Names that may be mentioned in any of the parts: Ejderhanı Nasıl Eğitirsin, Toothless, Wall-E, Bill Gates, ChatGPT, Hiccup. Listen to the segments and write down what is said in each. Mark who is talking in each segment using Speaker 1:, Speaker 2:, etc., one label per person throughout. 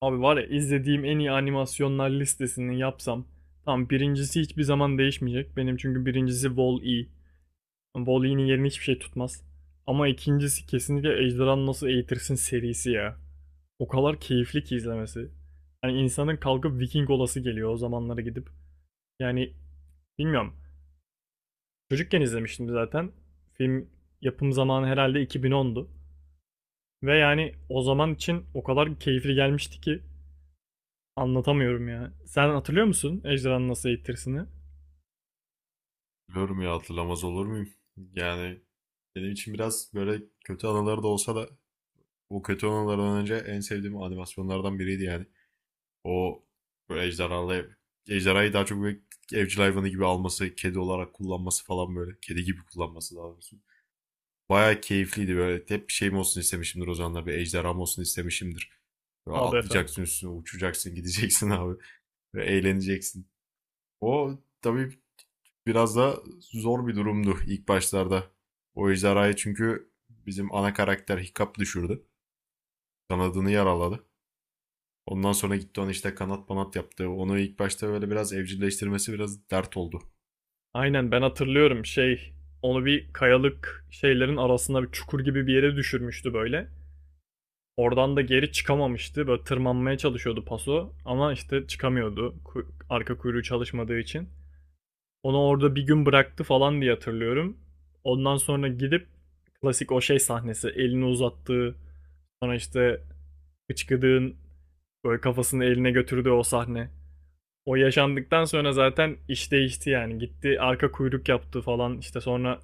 Speaker 1: Abi var ya, izlediğim en iyi animasyonlar listesini yapsam. Tamam, birincisi hiçbir zaman değişmeyecek. Benim çünkü birincisi Wall-E. Wall-E'nin yerini hiçbir şey tutmaz. Ama ikincisi kesinlikle Ejderhanı Nasıl Eğitirsin serisi ya. O kadar keyifli ki izlemesi. Yani insanın kalkıp Viking olası geliyor, o zamanlara gidip. Yani bilmiyorum. Çocukken izlemiştim zaten. Film yapım zamanı herhalde 2010'du. Ve yani o zaman için o kadar keyifli gelmişti ki anlatamıyorum ya. Sen hatırlıyor musun ejderhanın nasıl eğittirisini?
Speaker 2: Biliyorum ya, hatırlamaz olur muyum? Yani benim için biraz böyle kötü anıları da olsa da bu kötü anılardan önce en sevdiğim animasyonlardan biriydi yani. O böyle ejderhayı daha çok böyle evcil hayvanı gibi alması, kedi olarak kullanması falan böyle. Kedi gibi kullanması daha doğrusu. Bayağı keyifliydi böyle. Hep bir şeyim olsun istemişimdir o zamanlar. Bir ejderham olsun istemişimdir. Böyle
Speaker 1: Abi efendim.
Speaker 2: atlayacaksın üstüne, uçacaksın, gideceksin abi. Böyle eğleneceksin. O tabii biraz da zor bir durumdu ilk başlarda. O ejderhayı çünkü bizim ana karakter Hiccup düşürdü. Kanadını yaraladı. Ondan sonra gitti ona işte kanat banat yaptı. Onu ilk başta böyle biraz evcilleştirmesi biraz dert oldu.
Speaker 1: Aynen, ben hatırlıyorum şey, onu bir kayalık şeylerin arasında bir çukur gibi bir yere düşürmüştü böyle. Oradan da geri çıkamamıştı. Böyle tırmanmaya çalışıyordu paso, ama işte çıkamıyordu. Arka kuyruğu çalışmadığı için. Onu orada bir gün bıraktı falan diye hatırlıyorum. Ondan sonra gidip klasik o şey sahnesi, elini uzattığı, sonra işte hıçkıdığın böyle kafasını eline götürdüğü o sahne. O yaşandıktan sonra zaten iş değişti yani. Gitti arka kuyruk yaptı falan, işte sonra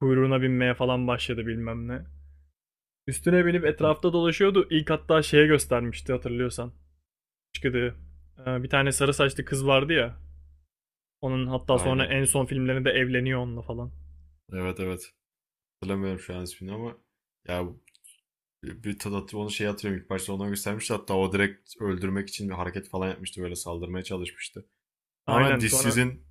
Speaker 1: kuyruğuna binmeye falan başladı bilmem ne. Üstüne binip etrafta dolaşıyordu. İlk hatta şeye göstermişti, hatırlıyorsan. Çıkıdı Bir tane sarı saçlı kız vardı ya. Onun hatta sonra
Speaker 2: Aynen.
Speaker 1: en son filmlerinde evleniyor onunla falan.
Speaker 2: Evet, evet. Hatırlamıyorum şu an ismini ama ya, bir tadat onu şey hatırlıyorum, ilk başta ona göstermişti, hatta o direkt öldürmek için bir hareket falan yapmıştı, böyle saldırmaya çalışmıştı. Ama
Speaker 1: Aynen, sonra
Speaker 2: dişsizin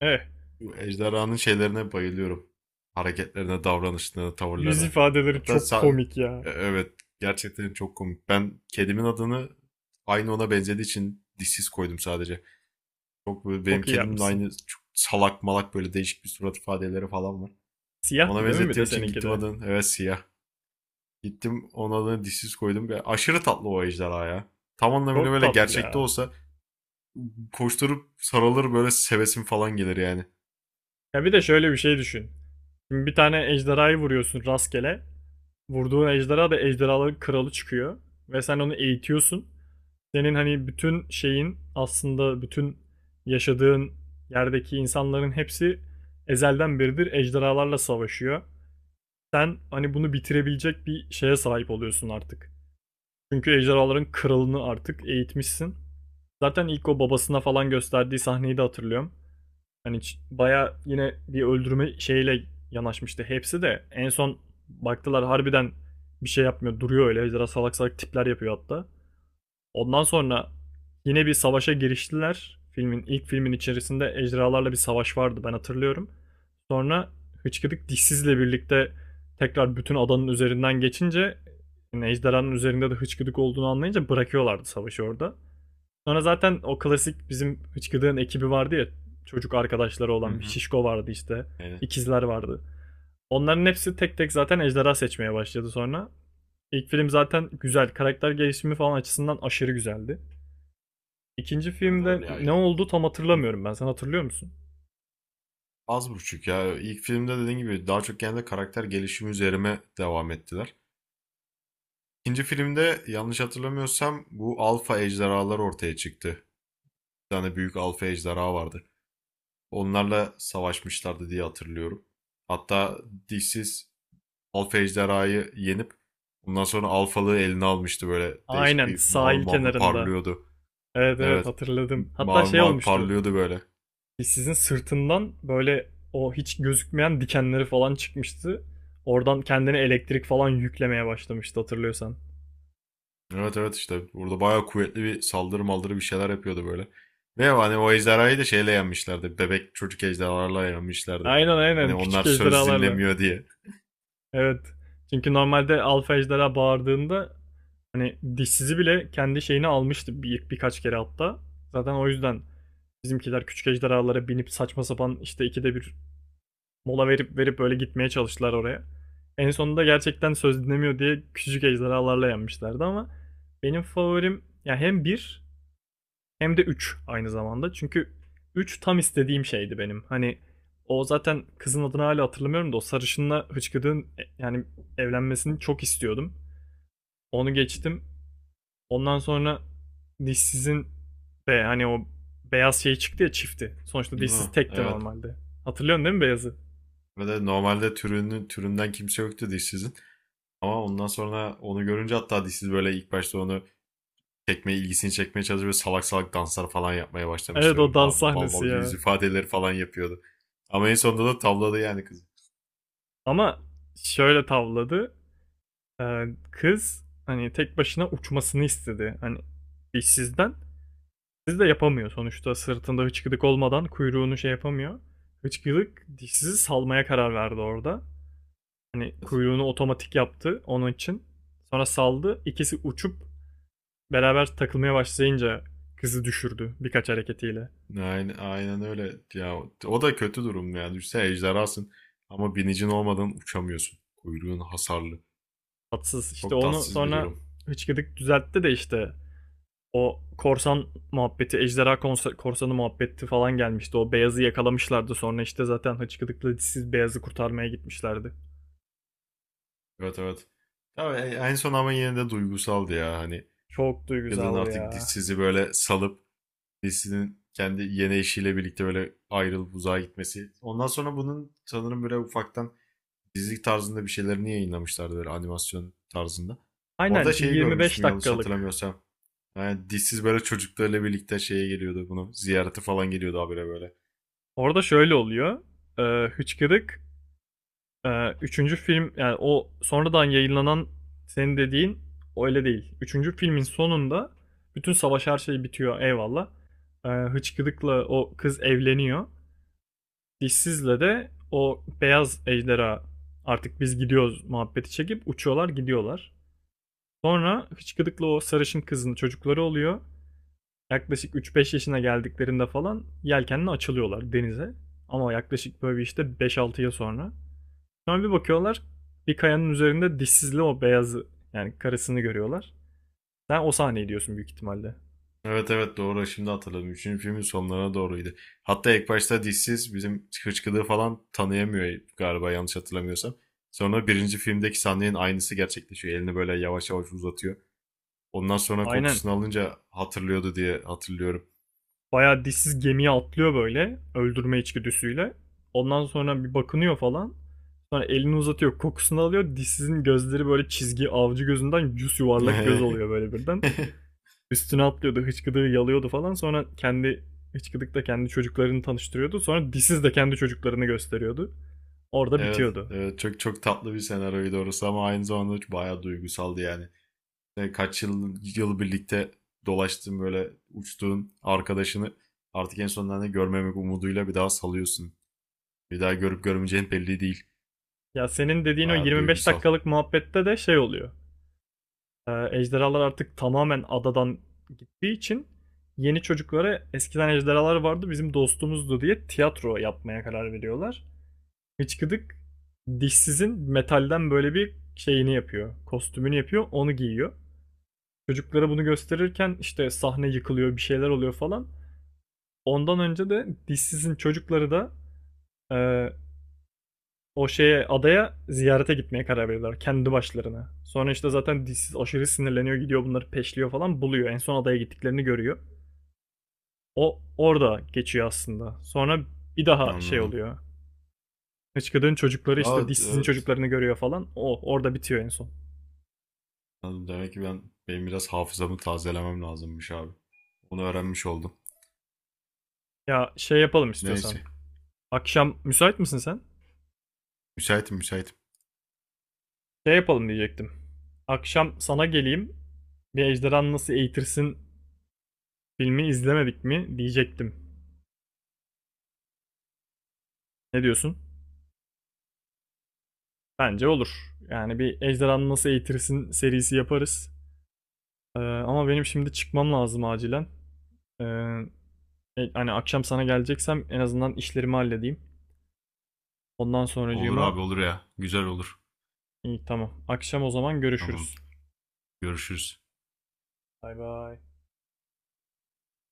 Speaker 1: eh
Speaker 2: bu ejderhanın şeylerine bayılıyorum. Hareketlerine, davranışlarına,
Speaker 1: yüz
Speaker 2: tavırlarına.
Speaker 1: ifadeleri
Speaker 2: Hatta
Speaker 1: çok
Speaker 2: sa-
Speaker 1: komik ya.
Speaker 2: Evet, gerçekten çok komik. Ben kedimin adını, aynı ona benzediği için, dişsiz koydum sadece. Çok böyle, benim
Speaker 1: Çok iyi
Speaker 2: kedimin
Speaker 1: yapmışsın.
Speaker 2: aynı çok salak malak böyle değişik bir surat ifadeleri falan var. Ona
Speaker 1: Siyahtı değil mi, bir
Speaker 2: benzettiğim
Speaker 1: de
Speaker 2: için
Speaker 1: seninki
Speaker 2: gittim
Speaker 1: de?
Speaker 2: adını, evet, siyah. Gittim onun adını dişsiz koydum. Ya, aşırı tatlı o ejderha ya. Tam anlamıyla
Speaker 1: Çok
Speaker 2: böyle
Speaker 1: tatlı
Speaker 2: gerçekte
Speaker 1: ya.
Speaker 2: olsa koşturup sarılır, böyle sevesim falan gelir yani.
Speaker 1: Ya bir de şöyle bir şey düşün. Şimdi bir tane ejderhayı vuruyorsun rastgele. Vurduğun ejderha da ejderhaların kralı çıkıyor. Ve sen onu eğitiyorsun. Senin hani bütün şeyin, aslında bütün yaşadığın yerdeki insanların hepsi ezelden beridir ejderhalarla savaşıyor. Sen hani bunu bitirebilecek bir şeye sahip oluyorsun artık. Çünkü ejderhaların kralını artık eğitmişsin. Zaten ilk o babasına falan gösterdiği sahneyi de hatırlıyorum. Hani baya yine bir öldürme şeyiyle yanaşmıştı hepsi de. En son baktılar harbiden bir şey yapmıyor. Duruyor öyle. Biraz salak salak tipler yapıyor hatta. Ondan sonra yine bir savaşa giriştiler. Filmin, ilk filmin içerisinde ejderhalarla bir savaş vardı, ben hatırlıyorum. Sonra Hıçkıdık dişsizle birlikte tekrar bütün adanın üzerinden geçince, yani ejderhanın üzerinde de hıçkıdık olduğunu anlayınca bırakıyorlardı savaşı orada. Sonra zaten o klasik bizim hıçkırığın ekibi vardı ya. Çocuk arkadaşları
Speaker 2: Hı
Speaker 1: olan bir
Speaker 2: hı.
Speaker 1: şişko vardı işte.
Speaker 2: Yani.
Speaker 1: İkizler vardı. Onların hepsi tek tek zaten ejderha seçmeye başladı sonra. İlk film zaten güzel. Karakter gelişimi falan açısından aşırı güzeldi. İkinci
Speaker 2: Evet,
Speaker 1: filmde
Speaker 2: evet ya.
Speaker 1: ne oldu tam hatırlamıyorum ben. Sen hatırlıyor musun?
Speaker 2: Az buçuk ya. İlk filmde dediğin gibi daha çok genelde karakter gelişimi üzerime devam ettiler. İkinci filmde yanlış hatırlamıyorsam bu alfa ejderhalar ortaya çıktı. Bir tane büyük alfa ejderha vardı. Onlarla savaşmışlardı diye hatırlıyorum. Hatta dişsiz alfa ejderhayı yenip ondan sonra alfalığı eline almıştı böyle. Değişik
Speaker 1: Aynen,
Speaker 2: bir mavi
Speaker 1: sahil
Speaker 2: mavi
Speaker 1: kenarında.
Speaker 2: parlıyordu.
Speaker 1: Evet evet,
Speaker 2: Evet.
Speaker 1: hatırladım. Hatta
Speaker 2: Mavi
Speaker 1: şey
Speaker 2: mavi
Speaker 1: olmuştu.
Speaker 2: parlıyordu böyle.
Speaker 1: Sizin sırtından böyle o hiç gözükmeyen dikenleri falan çıkmıştı. Oradan kendine elektrik falan yüklemeye başlamıştı, hatırlıyorsan.
Speaker 2: Evet, evet, işte burada bayağı kuvvetli bir saldırı maldırı bir şeyler yapıyordu böyle. Ve hani o ejderhayı da şeyle yenmişlerdi. Bebek çocuk ejderhalarla yenmişlerdi.
Speaker 1: Aynen
Speaker 2: Hani
Speaker 1: aynen,
Speaker 2: onlar
Speaker 1: küçük
Speaker 2: söz
Speaker 1: ejderhalarla.
Speaker 2: dinlemiyor diye.
Speaker 1: Evet. Çünkü normalde alfa ejderha bağırdığında hani dişsizi bile kendi şeyini almıştı birkaç kere hatta. Zaten o yüzden bizimkiler küçük ejderhalara binip saçma sapan işte ikide bir mola verip verip böyle gitmeye çalıştılar oraya. En sonunda gerçekten söz dinlemiyor diye küçük ejderhalarla yenmişlerdi, ama benim favorim ya hem bir hem de 3 aynı zamanda. Çünkü 3 tam istediğim şeydi benim. Hani o zaten kızın adını hala hatırlamıyorum da, o sarışınla hıçkırığın yani evlenmesini çok istiyordum. Onu geçtim. Ondan sonra dişsizin ve hani o beyaz şey çıktı ya, çifti. Sonuçta
Speaker 2: Hı,
Speaker 1: dişsiz tekti
Speaker 2: evet.
Speaker 1: normalde. Hatırlıyorsun değil mi beyazı?
Speaker 2: Ve de normalde türünün türünden kimse yoktu dişsizin. Ama ondan sonra onu görünce, hatta dişsiz böyle ilk başta onu ilgisini çekmeye çalışıyor. Böyle salak salak danslar falan yapmaya
Speaker 1: Evet,
Speaker 2: başlamıştı. Böyle
Speaker 1: o dans
Speaker 2: mal mal,
Speaker 1: sahnesi
Speaker 2: mal yüz
Speaker 1: ya.
Speaker 2: ifadeleri falan yapıyordu. Ama en sonunda da tavladı yani kızı.
Speaker 1: Ama şöyle tavladı. Ee, Kız hani tek başına uçmasını istedi. Hani dişsizden. Dişsiz de yapamıyor sonuçta, sırtında hıçkıdık olmadan kuyruğunu şey yapamıyor. Hıçkıdık dişsizi salmaya karar verdi orada. Hani kuyruğunu otomatik yaptı onun için. Sonra saldı. İkisi uçup beraber takılmaya başlayınca kızı düşürdü birkaç hareketiyle.
Speaker 2: Aynen, aynen öyle. Ya o da kötü durum yani. Düşünsene, ejderhasın ama binicin olmadan uçamıyorsun. Kuyruğun hasarlı.
Speaker 1: Tatsız. İşte
Speaker 2: Çok
Speaker 1: onu
Speaker 2: tatsız bir
Speaker 1: sonra
Speaker 2: durum.
Speaker 1: hıçkıdık düzeltti de, işte o korsan muhabbeti, ejderha korsanı muhabbeti falan gelmişti. O beyazı yakalamışlardı, sonra işte zaten hıçkıdıkla dişsiz beyazı kurtarmaya gitmişlerdi.
Speaker 2: Evet, evet. Tabii en son ama yine de duygusaldı ya. Hani
Speaker 1: Çok
Speaker 2: kadın
Speaker 1: duygusaldı
Speaker 2: artık
Speaker 1: ya.
Speaker 2: dişsizi böyle salıp dişsinin kendi yeni eşiyle birlikte böyle ayrılıp uzağa gitmesi. Ondan sonra bunun sanırım böyle ufaktan dizilik tarzında bir şeylerini yayınlamışlardı böyle animasyon tarzında. Orada
Speaker 1: Aynen, bir
Speaker 2: şeyi
Speaker 1: 25
Speaker 2: görmüştüm yanlış
Speaker 1: dakikalık.
Speaker 2: hatırlamıyorsam. Yani dişsiz böyle çocuklarıyla birlikte şeye geliyordu bunu. Ziyarete falan geliyordu habire böyle.
Speaker 1: Orada şöyle oluyor. Hıçkırık üçüncü film, yani o sonradan yayınlanan, senin dediğin öyle değil. Üçüncü filmin sonunda bütün savaş, her şey bitiyor, eyvallah. Hıçkırık'la o kız evleniyor. Dişsiz'le de o beyaz ejderha artık biz gidiyoruz muhabbeti çekip uçuyorlar, gidiyorlar. Sonra Hıçkırık'la o sarışın kızın çocukları oluyor. Yaklaşık 3-5 yaşına geldiklerinde falan yelkenle açılıyorlar denize. Ama yaklaşık böyle işte 5-6 yıl sonra. Sonra bir bakıyorlar, bir kayanın üzerinde dişsizli o beyazı, yani karısını görüyorlar. Sen o sahneyi diyorsun büyük ihtimalle.
Speaker 2: Evet, evet, doğru, şimdi hatırladım. Üçüncü filmin sonlarına doğruydu. Hatta ilk başta dişsiz bizim hıçkıdığı falan tanıyamıyor galiba, yanlış hatırlamıyorsam. Sonra birinci filmdeki sahnenin aynısı gerçekleşiyor. Elini böyle yavaş yavaş uzatıyor. Ondan sonra
Speaker 1: Aynen.
Speaker 2: kokusunu alınca hatırlıyordu diye hatırlıyorum.
Speaker 1: Bayağı dişsiz gemiye atlıyor böyle, öldürme içgüdüsüyle. Ondan sonra bir bakınıyor falan. Sonra elini uzatıyor, kokusunu alıyor. Dişsizin gözleri böyle çizgi avcı gözünden yüz yuvarlak göz oluyor böyle birden. Üstüne atlıyordu, hıçkıdığı yalıyordu falan. Sonra kendi, hıçkıdıkla kendi çocuklarını tanıştırıyordu. Sonra dişsiz de kendi çocuklarını gösteriyordu. Orada
Speaker 2: Evet,
Speaker 1: bitiyordu.
Speaker 2: evet, çok çok tatlı bir senaryoydu orası ama aynı zamanda bayağı duygusaldı yani. Kaç yıl birlikte dolaştığın, böyle uçtuğun arkadaşını artık en sonunda ne görmemek umuduyla bir daha salıyorsun. Bir daha görüp görmeyeceğin belli değil.
Speaker 1: Ya senin dediğin o
Speaker 2: Bayağı
Speaker 1: 25
Speaker 2: duygusal.
Speaker 1: dakikalık muhabbette de şey oluyor. Ejderhalar artık tamamen adadan gittiği için yeni çocuklara eskiden ejderhalar vardı, bizim dostumuzdu diye tiyatro yapmaya karar veriyorlar. Hıçkıdık dişsizin metalden böyle bir şeyini yapıyor. Kostümünü yapıyor, onu giyiyor. Çocuklara bunu gösterirken işte sahne yıkılıyor, bir şeyler oluyor falan. Ondan önce de dişsizin çocukları da e, o şeye, adaya ziyarete gitmeye karar veriyorlar kendi başlarına. Sonra işte zaten dişsiz aşırı sinirleniyor, gidiyor bunları peşliyor falan, buluyor. En son adaya gittiklerini görüyor. O orada geçiyor aslında. Sonra bir daha şey
Speaker 2: Anladım.
Speaker 1: oluyor. Hıçkırık'ın çocukları işte
Speaker 2: Evet,
Speaker 1: dişsizin
Speaker 2: evet.
Speaker 1: çocuklarını görüyor falan. O orada bitiyor en son.
Speaker 2: Anladım. Demek ki ben benim biraz hafızamı tazelemem lazımmış abi. Onu öğrenmiş oldum.
Speaker 1: Ya şey yapalım istiyorsan.
Speaker 2: Neyse.
Speaker 1: Akşam müsait misin sen?
Speaker 2: Müsaitim, müsaitim.
Speaker 1: Şey yapalım diyecektim. Akşam sana geleyim. Bir Ejderhan Nasıl Eğitirsin filmi izlemedik mi diyecektim. Ne diyorsun? Bence olur. Yani bir Ejderhan Nasıl Eğitirsin serisi yaparız. Ama benim şimdi çıkmam lazım acilen. Ee, Hani akşam sana geleceksem en azından işlerimi halledeyim. Ondan
Speaker 2: Olur abi,
Speaker 1: sonracığıma,
Speaker 2: olur ya. Güzel olur.
Speaker 1: iyi tamam. Akşam o zaman
Speaker 2: Tamam.
Speaker 1: görüşürüz.
Speaker 2: Görüşürüz.
Speaker 1: Bay bay.